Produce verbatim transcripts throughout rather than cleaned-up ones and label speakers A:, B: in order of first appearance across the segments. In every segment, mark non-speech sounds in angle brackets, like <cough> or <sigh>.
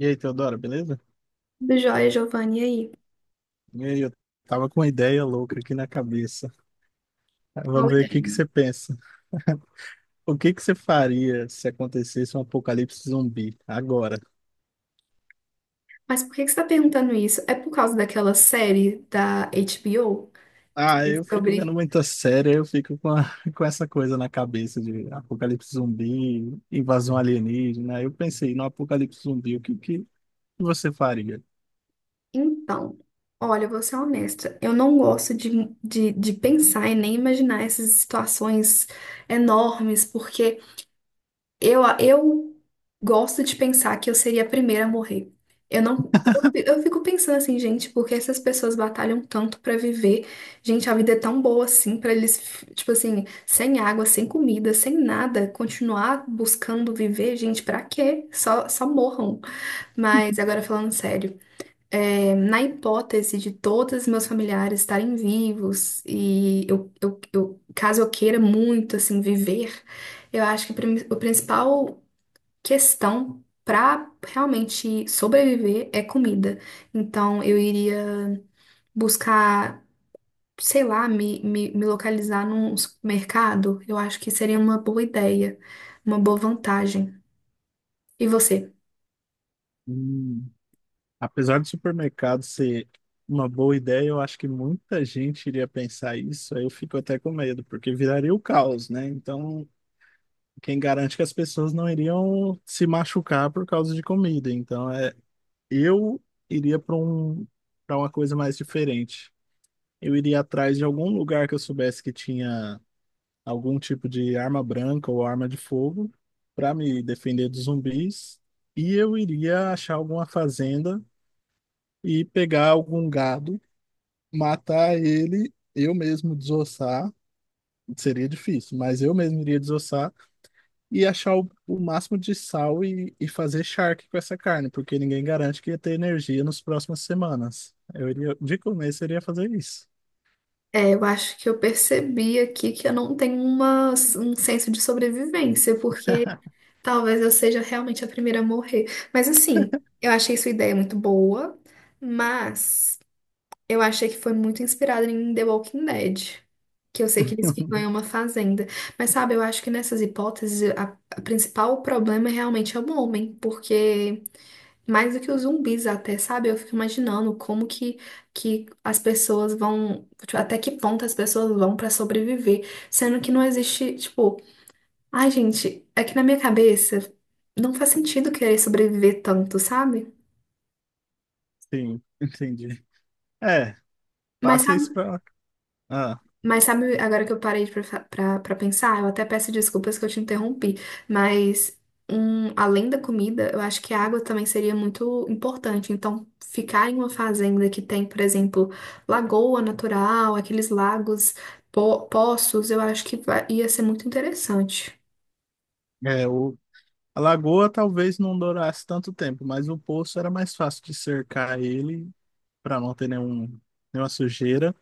A: E aí, Teodoro, beleza?
B: Tudo jóia, Giovanni, e aí?
A: E aí, eu tava com uma ideia louca aqui na cabeça.
B: Qual
A: Vamos
B: a
A: ver o que que
B: ideia?
A: você pensa. <laughs> O que que você faria se acontecesse um apocalipse zumbi agora?
B: Mas por que que você está perguntando isso? É por causa daquela série da H B O
A: Ah, eu fico vendo
B: sobre.
A: muita série, eu fico com, a- <laughs> com essa coisa na cabeça de apocalipse zumbi, invasão alienígena. Eu pensei no apocalipse zumbi, o que que você faria?
B: Então, olha, eu vou ser honesta. Eu não gosto de, de, de pensar e nem imaginar essas situações enormes, porque Eu, eu gosto de pensar que eu seria a primeira a morrer. Eu não, eu, eu fico pensando assim, gente, porque essas pessoas batalham tanto pra viver. Gente, a vida é tão boa assim pra eles, tipo assim, sem água, sem comida, sem nada, continuar buscando viver, gente, pra quê? Só, só morram. Mas agora falando sério, é, na hipótese de todos meus familiares estarem vivos e eu, eu, eu- caso eu queira muito assim viver, eu acho que o prim- o principal questão para realmente sobreviver é comida. Então eu iria buscar, sei lá, me, me, me localizar num supermercado. Eu acho que seria uma boa ideia, uma boa vantagem. E você?
A: Apesar do supermercado ser uma boa ideia, eu acho que muita gente iria pensar isso. Aí eu fico até com medo, porque viraria o caos, né? Então, quem garante que as pessoas não iriam se machucar por causa de comida? Então, é, eu iria para um, para uma coisa mais diferente. Eu iria atrás de algum lugar que eu soubesse que tinha algum tipo de arma branca ou arma de fogo para me defender dos zumbis. E eu iria achar alguma fazenda e pegar algum gado. Matar ele, eu mesmo desossar, seria difícil, mas eu mesmo iria desossar e achar o, o máximo de sal e, e fazer charque com essa carne, porque ninguém garante que ia ter energia nas próximas semanas. Eu iria, de começo, eu iria fazer isso.
B: É, eu acho que eu percebi aqui que eu não tenho uma, um senso de sobrevivência, porque talvez eu seja realmente a primeira a morrer. Mas assim, eu achei sua ideia muito boa, mas. Eu achei que foi muito inspirado em The Walking Dead, que eu sei que eles ficam em
A: <laughs>
B: uma fazenda. Mas sabe, eu acho que nessas hipóteses, a, a principal problema realmente é o homem, porque mais do que os zumbis até, sabe? Eu fico imaginando como que, que as pessoas vão, tipo, até que ponto as pessoas vão pra sobreviver, sendo que não existe, tipo, ai, gente, é que na minha cabeça não faz sentido querer sobreviver tanto, sabe?
A: Sim, entendi. É,
B: Mas
A: passa isso
B: sabe
A: pra. Ah,
B: Mas sabe, agora que eu parei pra, pra, pra pensar, eu até peço desculpas que eu te interrompi, mas um, além da comida, eu acho que a água também seria muito importante. Então, ficar em uma fazenda que tem, por exemplo, lagoa natural, aqueles lagos, po poços, eu acho que vai- ia ser muito interessante.
A: é, o, a lagoa talvez não durasse tanto tempo, mas o poço era mais fácil de cercar ele para não ter nenhum, nenhuma sujeira.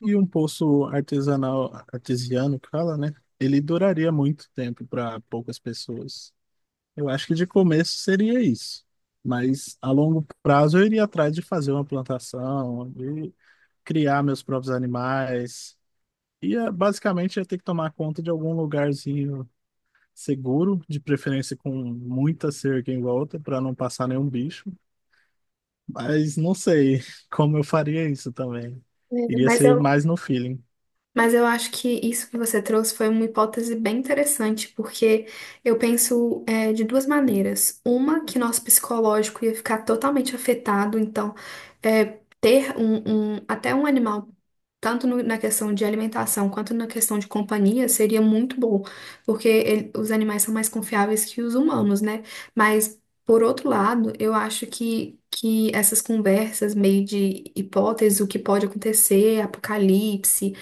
A: E um poço artesanal, artesiano, que fala, né? Ele duraria muito tempo para poucas pessoas. Eu acho que de começo seria isso. Mas a longo prazo eu iria atrás de fazer uma plantação, de criar meus próprios animais. E eh, basicamente ia ter que tomar conta de algum lugarzinho seguro, de preferência com muita cerca em volta, para não passar nenhum bicho. Mas não sei <laughs> como eu faria isso também.
B: É,
A: Iria
B: Mas
A: ser
B: eu,
A: mais no feeling.
B: Mas eu acho que isso que você trouxe foi uma hipótese bem interessante, porque eu penso é, de duas maneiras. Uma, que nosso psicológico ia ficar totalmente afetado, então é, ter um, um- até um animal, tanto no- na questão de alimentação quanto na questão de companhia, seria muito bom, porque ele- os animais são mais confiáveis que os humanos, né? Mas, por outro lado, eu acho que. Que essas conversas meio de hipóteses, o que pode acontecer, apocalipse,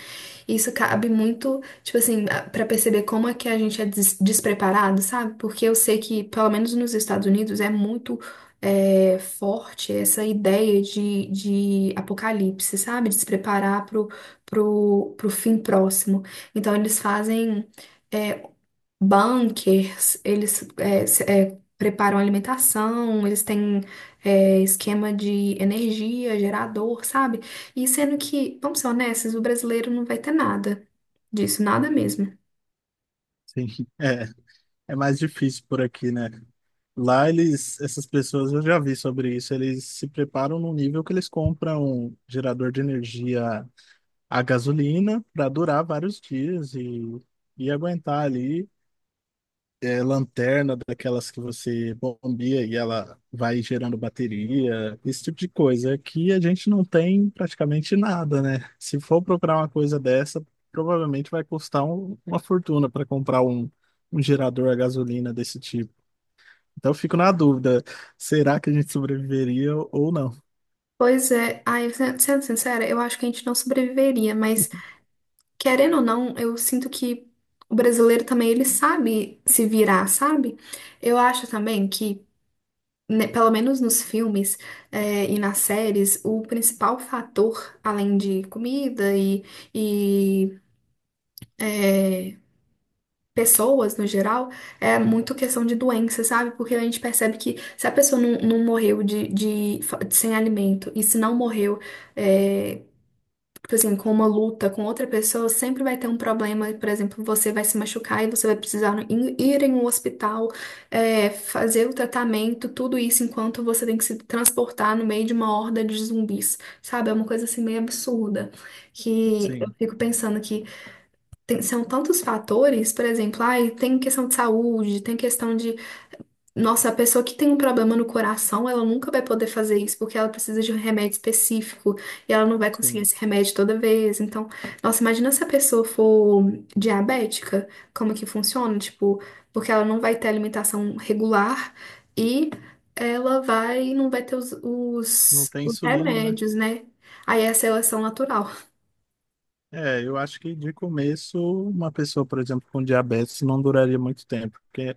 B: e isso cabe muito, tipo assim, a- pra perceber como é que a gente é des- despreparado, sabe? Porque eu sei que, pelo menos nos Estados Unidos, é muito é, forte essa ideia de, de apocalipse, sabe? De se preparar pro, pro, pro fim próximo. Então, eles fazem. é, Bunkers, eles é, se- é, preparam alimentação, eles têm é, esquema de energia, gerador, sabe? E sendo que, vamos ser honestos, o brasileiro não vai ter nada disso, nada mesmo.
A: Sim. <laughs> É. É mais difícil por aqui, né? Lá eles, essas pessoas, eu já vi sobre isso, eles se preparam num nível que eles compram um gerador de energia a gasolina para durar vários dias e, e aguentar ali. É, lanterna daquelas que você bombia e ela vai gerando bateria, esse tipo de coisa. Aqui a gente não tem praticamente nada, né? Se for procurar uma coisa dessa, provavelmente vai custar um- uma fortuna para comprar um, um gerador a gasolina desse tipo. Então eu fico na dúvida, será que a gente sobreviveria ou não?
B: Pois é, ai, se- sendo sincera, eu acho que a gente não sobreviveria, mas querendo ou não, eu sinto que o brasileiro também, ele sabe se virar, sabe? Eu acho também que né, pelo menos nos filmes, eh, e nas séries, o principal fator, além de comida e, e, eh, pessoas no geral, é muito questão de doença, sabe? Porque a gente percebe que se a pessoa não, não morreu de, de, fa- de- sem alimento e se não morreu, é, tipo assim, com uma luta com outra pessoa, sempre vai ter um problema. Por exemplo, você vai se machucar e você vai precisar in- ir em um hospital, é, fazer o tratamento, tudo isso enquanto você tem que se transportar no meio de uma horda de zumbis, sabe? É uma coisa assim meio absurda. Que eu
A: Sim,
B: fico pensando que tem- são tantos fatores, por exemplo, ai, tem questão de saúde, tem questão de nossa, a pessoa que tem um problema no coração, ela nunca vai poder fazer isso, porque ela precisa de um remédio específico e ela não vai conseguir
A: sim.
B: esse remédio toda vez. Então, nossa, imagina se a pessoa for diabética, como que funciona? Tipo, porque ela não vai ter alimentação regular e ela vai, não vai ter os,
A: Não
B: os,
A: tem
B: os
A: insulina, né?
B: remédios, né? Aí é a seleção natural.
A: É, eu acho que de começo, uma pessoa, por exemplo, com diabetes não duraria muito tempo, porque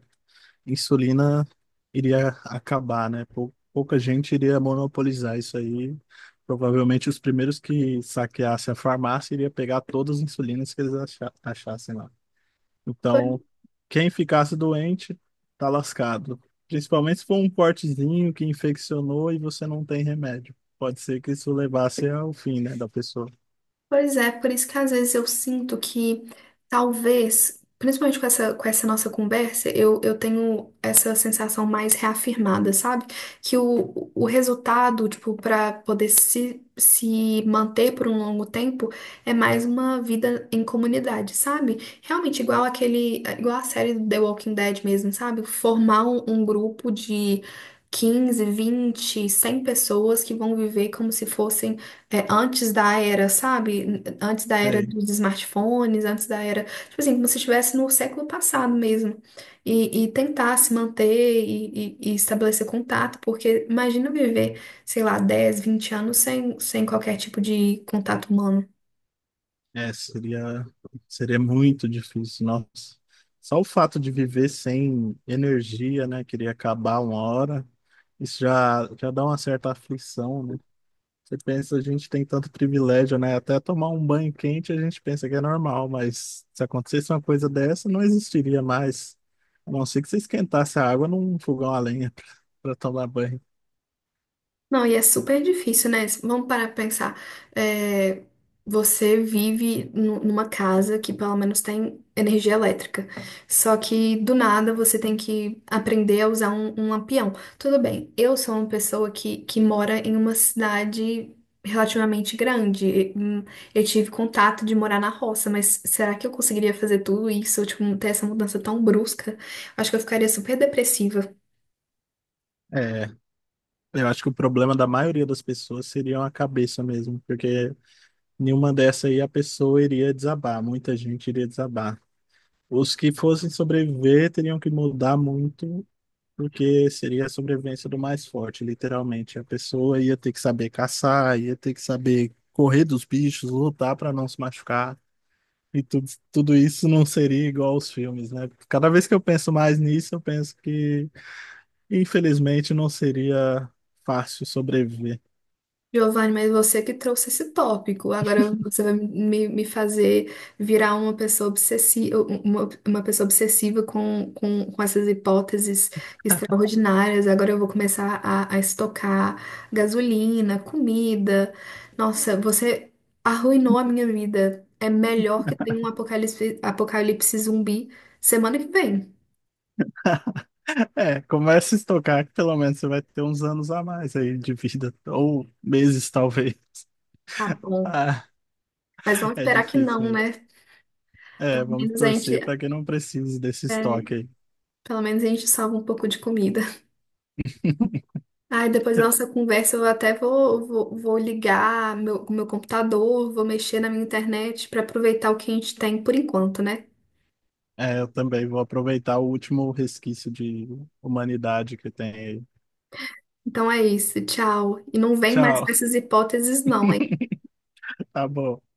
A: insulina iria acabar, né? Pou- Pouca gente iria monopolizar isso aí. Provavelmente os primeiros que saqueassem a farmácia iria pegar todas as insulinas que eles acha- achassem lá. Então, quem ficasse doente, tá lascado. Principalmente se for um cortezinho que infeccionou e você não tem remédio. Pode ser que isso levasse ao fim, né, da pessoa.
B: Pois é, por isso que às vezes eu sinto que talvez, principalmente com essa, com essa nossa conversa, eu, eu tenho essa sensação mais reafirmada, sabe? Que o, o resultado, tipo, para poder se, se manter por um longo tempo, é mais uma vida em comunidade, sabe? Realmente igual aquele, igual a série do The Walking Dead mesmo, sabe? Formar um, um grupo de quinze vinte cem pessoas que vão viver como se fossem é, antes da era, sabe? Antes da era
A: Sei.
B: dos smartphones, antes da era. Tipo assim, como se estivesse no século passado mesmo. E, e tentar se manter e, e- e estabelecer contato, porque imagina viver, sei lá, dez, vinte anos sem, sem qualquer tipo de contato humano.
A: É, seria, seria muito difícil, nossa. Só o fato de viver sem energia, né, queria acabar uma hora, isso já, já dá uma certa aflição, né? Você pensa, a gente tem tanto privilégio, né? Até tomar um banho quente a gente pensa que é normal, mas se acontecesse uma coisa dessa, não existiria mais. A não ser que você esquentasse a água num fogão a lenha <laughs> para tomar banho.
B: Não, e é super difícil, né? Vamos parar pra pensar. É, você vive nu- numa casa que pelo menos tem energia elétrica. Só que do nada você tem que aprender a usar um, um lampião. Tudo bem, eu sou uma pessoa que, que mora em uma cidade relativamente grande. E, hum, Eu tive contato de morar na roça, mas será que eu conseguiria fazer tudo isso? Tipo, ter essa mudança tão brusca? Acho que eu ficaria super depressiva.
A: É, eu acho que o problema da maioria das pessoas seria a cabeça mesmo, porque nenhuma dessa aí a pessoa iria desabar, muita gente iria desabar. Os que fossem sobreviver teriam que mudar muito. Porque seria a sobrevivência do mais forte, literalmente. A pessoa ia ter que saber caçar, ia ter que saber correr dos bichos, lutar para não se machucar. E tudo, tudo isso não seria igual aos filmes, né? Cada vez que eu penso mais nisso, eu penso que, infelizmente, não seria fácil sobreviver. <laughs>
B: Giovanni, mas você que trouxe esse tópico. Agora você vai me, me fazer virar uma pessoa obsessiva, uma, uma pessoa obsessiva com, com, com essas hipóteses extraordinárias. Agora eu vou começar a, a estocar gasolina, comida. Nossa, você arruinou a minha vida. É melhor que tenha um apocalipse, apocalipse zumbi semana que vem.
A: É, começa a estocar que pelo menos você vai ter uns anos a mais aí de vida, ou meses <laughs> talvez.
B: Tá bom.
A: Ah,
B: Mas vamos
A: é
B: esperar que
A: difícil
B: não,
A: mesmo.
B: né?
A: É,
B: Pelo
A: vamos
B: menos a gente,
A: torcer para que não precise desse
B: é,
A: estoque aí.
B: pelo menos a gente salva um pouco de comida.
A: <laughs>
B: Ai, depois da nossa conversa eu até vou, vou, vou ligar meu, o meu computador, vou mexer na minha internet para aproveitar o que a gente tem por enquanto, né?
A: É, eu também vou aproveitar o último resquício de humanidade que tem aí.
B: Então é isso, tchau. E não vem mais
A: Tchau,
B: com essas hipóteses, não, hein?
A: <laughs> tá bom.